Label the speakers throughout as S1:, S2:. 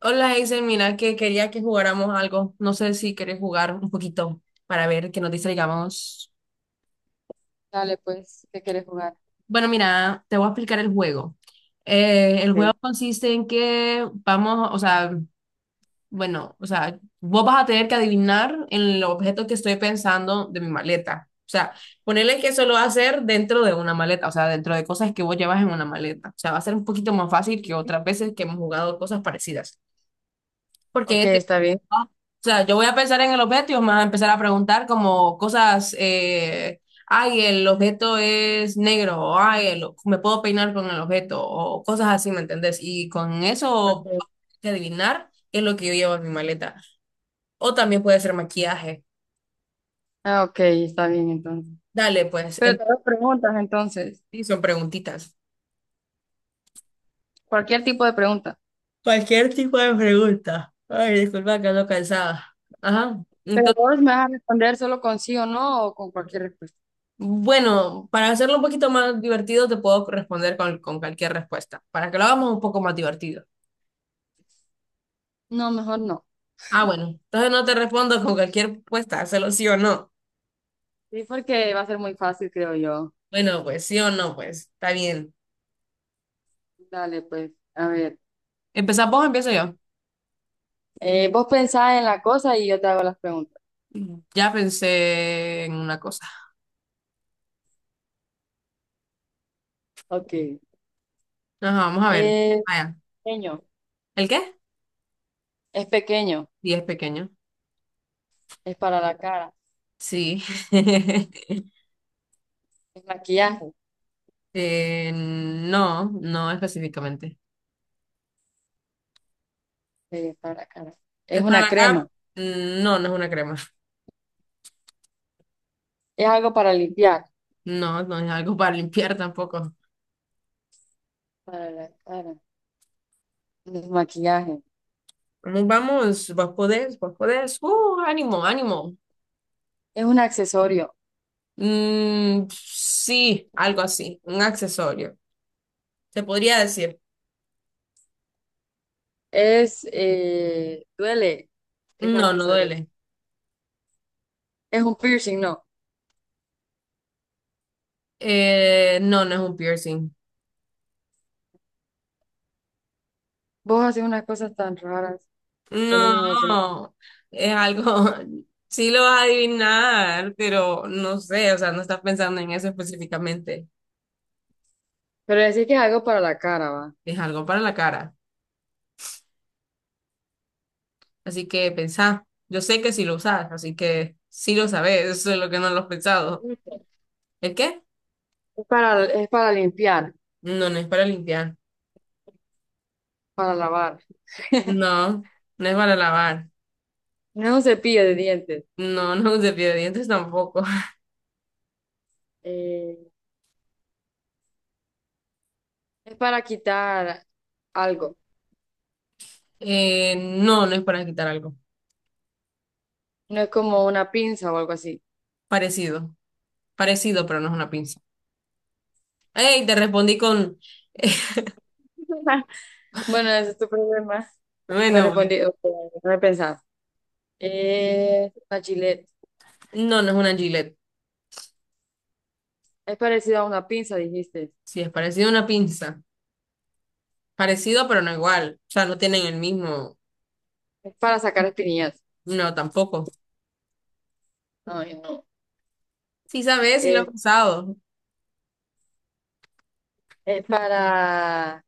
S1: Hola, Hazel, mira que quería que jugáramos algo. No sé si quieres jugar un poquito para ver que nos distraigamos.
S2: Dale, pues, ¿qué quieres jugar?
S1: Bueno, mira, te voy a explicar el juego. El
S2: Ok,
S1: juego consiste en que vamos, o sea, bueno, o sea, vos vas a tener que adivinar el objeto que estoy pensando de mi maleta. O sea, ponerle que eso lo va a hacer dentro de una maleta, o sea, dentro de cosas que vos llevas en una maleta. O sea, va a ser un poquito más fácil que otras veces que hemos jugado cosas parecidas. Porque en
S2: ok,
S1: este caso,
S2: está bien.
S1: ¿no? O sea, yo voy a pensar en el objeto y me vas a empezar a preguntar como cosas, ay, el objeto es negro, o ay, me puedo peinar con el objeto, o cosas así, ¿me entendés? Y con eso
S2: Ok.
S1: hay que adivinar qué es lo que yo llevo en mi maleta. O también puede ser maquillaje.
S2: Ah, ok, está bien entonces.
S1: Dale, pues,
S2: Pero te hago preguntas entonces,
S1: y son preguntitas.
S2: cualquier tipo de pregunta.
S1: Cualquier tipo de pregunta. Ay, disculpa, que ando cansada. Ajá.
S2: Pero
S1: Entonces,
S2: vos me vas a responder solo con sí o no o con cualquier respuesta.
S1: bueno, para hacerlo un poquito más divertido, te puedo responder con cualquier respuesta. Para que lo hagamos un poco más divertido.
S2: No, mejor no.
S1: Ah, bueno, entonces no te respondo con cualquier respuesta, hazlo sí o no.
S2: Sí, porque va a ser muy fácil, creo yo.
S1: Bueno, pues sí o no, pues está bien.
S2: Dale, pues, a ver.
S1: ¿Empezamos vos o empiezo yo?
S2: Vos pensás en la cosa y yo te hago las preguntas.
S1: Mm. Ya pensé en una cosa.
S2: Ok.
S1: Ajá, vamos a ver.
S2: Es
S1: Vaya.
S2: pequeño,
S1: ¿El qué?
S2: es pequeño,
S1: 10 pequeño.
S2: es para la cara,
S1: Sí.
S2: es maquillaje,
S1: No, no específicamente.
S2: para la cara. Es
S1: ¿Es para
S2: una
S1: la
S2: crema,
S1: cara? No, no es una crema.
S2: es algo para limpiar,
S1: No, no es algo para limpiar tampoco.
S2: para la cara. El maquillaje
S1: Vamos, vamos, vos podés, vos podés. Ánimo, ánimo.
S2: es un accesorio.
S1: Sí, algo así, un accesorio. Se podría decir,
S2: Es, duele, es
S1: no, no
S2: accesorio.
S1: duele.
S2: Es un piercing, no.
S1: No, no es un piercing.
S2: Vos haces unas cosas tan raras con un otro.
S1: No, es algo, sí lo vas a adivinar, pero no sé, o sea, no estás pensando en eso específicamente.
S2: Pero decir que es algo para la cara, va.
S1: Es algo para la cara. Así que pensá, yo sé que sí lo usas, así que sí lo sabes, eso es lo que no lo has pensado. ¿El qué?
S2: Es para limpiar,
S1: No, no es para limpiar.
S2: para lavar.
S1: No, no es para lavar.
S2: No es un cepillo de dientes.
S1: No, no es de pie de dientes tampoco.
S2: Eh, es para quitar algo.
S1: No, no es para quitar algo.
S2: No es como una pinza o algo así.
S1: Parecido. Parecido, pero no es una pinza. ¡Ey! Te respondí con.
S2: Bueno, ese es tu problema. No
S1: Bueno, pues.
S2: respondí. Ok, no he pensado. Una chile.
S1: No, no es una Gillette.
S2: Es parecido a una pinza, dijiste.
S1: Sí, es parecido a una pinza. Parecido, pero no igual. O sea, no tienen el mismo.
S2: Es para sacar espinillas.
S1: No, tampoco.
S2: Ay, no.
S1: Sí, sabes, sí lo he
S2: Es,
S1: usado.
S2: es para...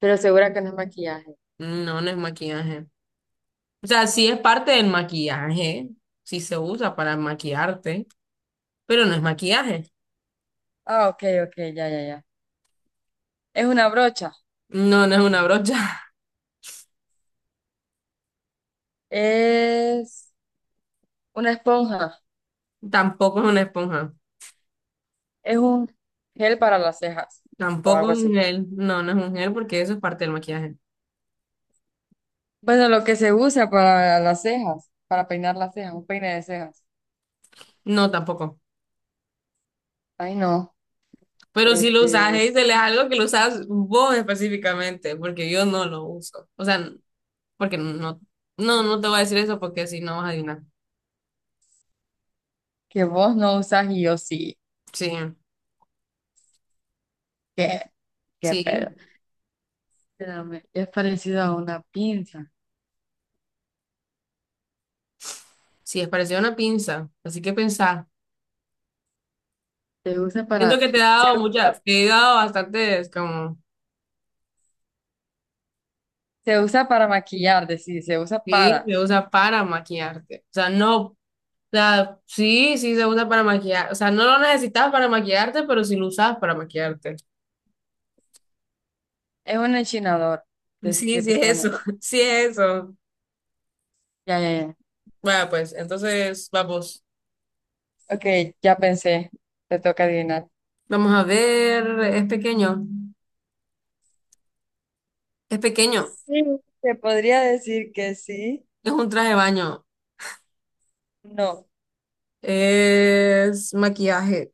S2: Pero segura que no es maquillaje.
S1: No, no es maquillaje. O sea, sí es parte del maquillaje. Sí se usa para maquillarte, pero no es maquillaje.
S2: Ah, ok, ok, ya, ya, ya. Es una brocha.
S1: No, no es una brocha.
S2: Es una esponja.
S1: Tampoco es una esponja.
S2: Es un gel para las cejas. O
S1: Tampoco
S2: algo
S1: es
S2: así.
S1: un gel. No, no es un gel porque eso es parte del maquillaje.
S2: Bueno, lo que se usa para las cejas, para peinar las cejas, un peine de cejas.
S1: No, tampoco.
S2: Ay, no.
S1: Pero si lo usas,
S2: Este,
S1: Hazel, es algo que lo usas vos específicamente, porque yo no lo uso. O sea, porque no, no, no te voy a decir eso porque si no vas a adivinar.
S2: que vos no usas y yo sí.
S1: Sí,
S2: ¿Qué? ¿Qué pedo?
S1: sí,
S2: Espérame, es parecido a una pinza.
S1: sí, es parecido a una pinza. Así que pensá.
S2: Se usa
S1: Siento
S2: para,
S1: que
S2: se usa,
S1: te he dado bastantes como,
S2: se usa para maquillar, decir, se usa
S1: sí,
S2: para.
S1: se usa para maquillarte. O sea, no O sea, sí, sí se usa para maquillar. O sea, no lo necesitas para maquillarte, pero sí lo usas para maquillarte.
S2: Es un enchinador de,
S1: Sí,
S2: de
S1: sí es
S2: pestañas.
S1: eso, sí es eso.
S2: Ya, ya, ya.
S1: Bueno, pues entonces vamos.
S2: Ok, ya pensé. Te toca adivinar.
S1: Vamos a ver, es pequeño, es pequeño,
S2: Sí, te podría decir que sí.
S1: es un traje de baño,
S2: No,
S1: es maquillaje,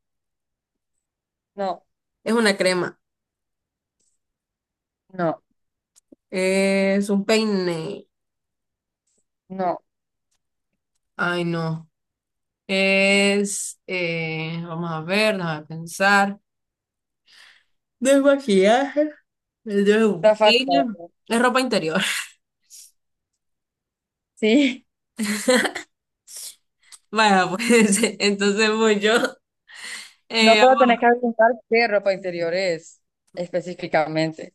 S2: no,
S1: es una crema,
S2: no,
S1: es un peine.
S2: no.
S1: Ay, no. Vamos a ver, déjame pensar. Desmaquillaje. Es de un
S2: Está fácil.
S1: peine. Es ropa interior.
S2: Sí.
S1: Vaya, pues entonces voy yo.
S2: No,
S1: Eh,
S2: pero tenés que preguntar qué ropa interior es específicamente.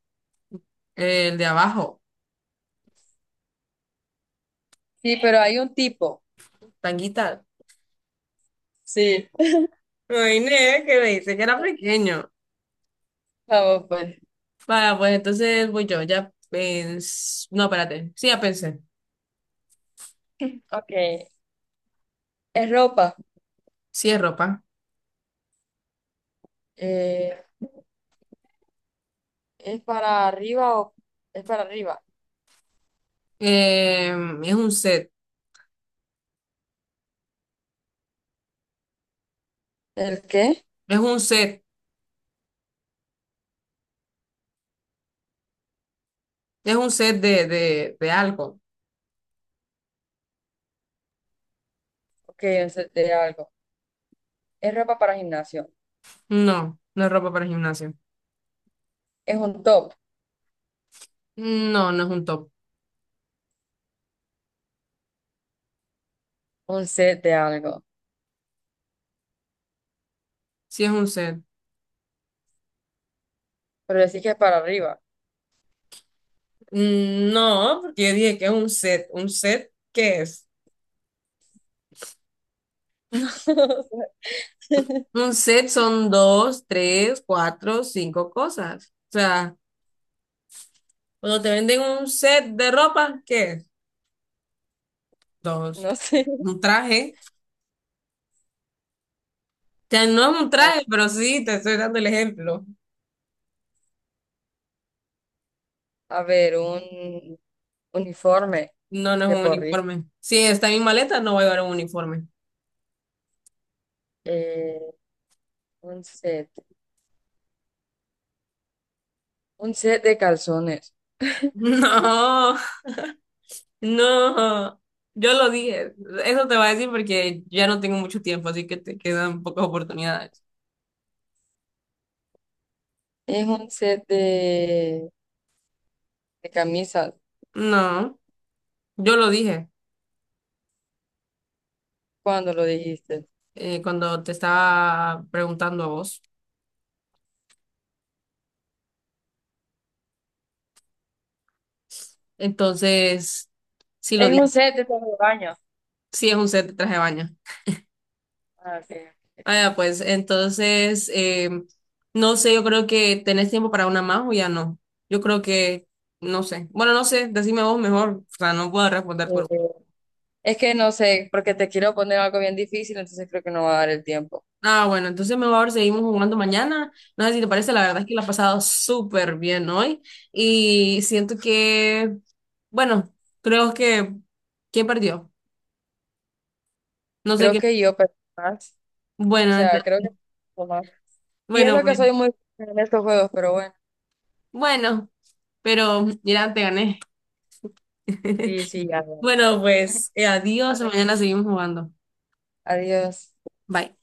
S1: el de abajo,
S2: Sí, pero hay un tipo.
S1: tanguita.
S2: Sí.
S1: Me ne que me dice que era pequeño.
S2: Vamos, pues.
S1: Vaya, pues entonces voy yo. No, espérate. Sí, ya pensé.
S2: Ok. Es ropa.
S1: Sí, es ropa.
S2: Eh, ¿Es para arriba o es para arriba?
S1: Eh, es un set.
S2: ¿El qué?
S1: Es un set. Es un set de, algo.
S2: Ok, un set de algo. ¿Es ropa para gimnasio?
S1: No, no es ropa para gimnasio.
S2: ¿Es un top?
S1: No, no es un top.
S2: Un set de algo.
S1: Sí, es un set.
S2: Pero decís que es para arriba.
S1: No, porque yo dije que es un set. ¿Un set qué es? Un set son dos, tres, cuatro, cinco cosas. O sea, cuando te venden un set de ropa, ¿qué es? Dos.
S2: No sé. No sé.
S1: Un traje. O sea, no es un
S2: A,
S1: traje, pero sí, te estoy dando el ejemplo.
S2: a ver, un uniforme
S1: No, no es
S2: de
S1: un
S2: porri.
S1: uniforme. Si está en mi maleta, no voy a llevar un uniforme.
S2: Eh, un set. Un set de calzones.
S1: No, no. Yo lo dije. Eso te va a decir porque ya no tengo mucho tiempo, así que te quedan pocas oportunidades.
S2: Es un set de camisas.
S1: No, yo lo dije,
S2: ¿Cuándo lo dijiste?
S1: cuando te estaba preguntando a vos. Entonces, sí lo
S2: Es un
S1: dije,
S2: set de todo de baño.
S1: sí es un set de traje de baño.
S2: Ah, ok.
S1: Ah, ya, pues, entonces, no sé, yo creo que tenés tiempo para una más o ya no. Yo creo que, no sé. Bueno, no sé, decime vos mejor, o sea, no puedo responder
S2: Eh,
S1: por...
S2: Es que no sé, porque te quiero poner algo bien difícil, entonces creo que no va a dar el tiempo.
S1: Ah, bueno, entonces mejor seguimos jugando mañana. No sé si te parece, la verdad es que la he pasado súper bien hoy y siento que, bueno, creo que, ¿quién perdió? No sé
S2: Creo
S1: qué.
S2: que yo pensé más. O
S1: Bueno,
S2: sea,
S1: entonces,
S2: creo que pensé más. Y
S1: bueno,
S2: eso que
S1: bueno,
S2: soy muy buena en estos juegos, pero bueno.
S1: bueno, pero mira, te gané.
S2: Sí, sí, ya.
S1: Bueno, pues adiós,
S2: Dale.
S1: mañana seguimos jugando.
S2: Adiós.
S1: Bye.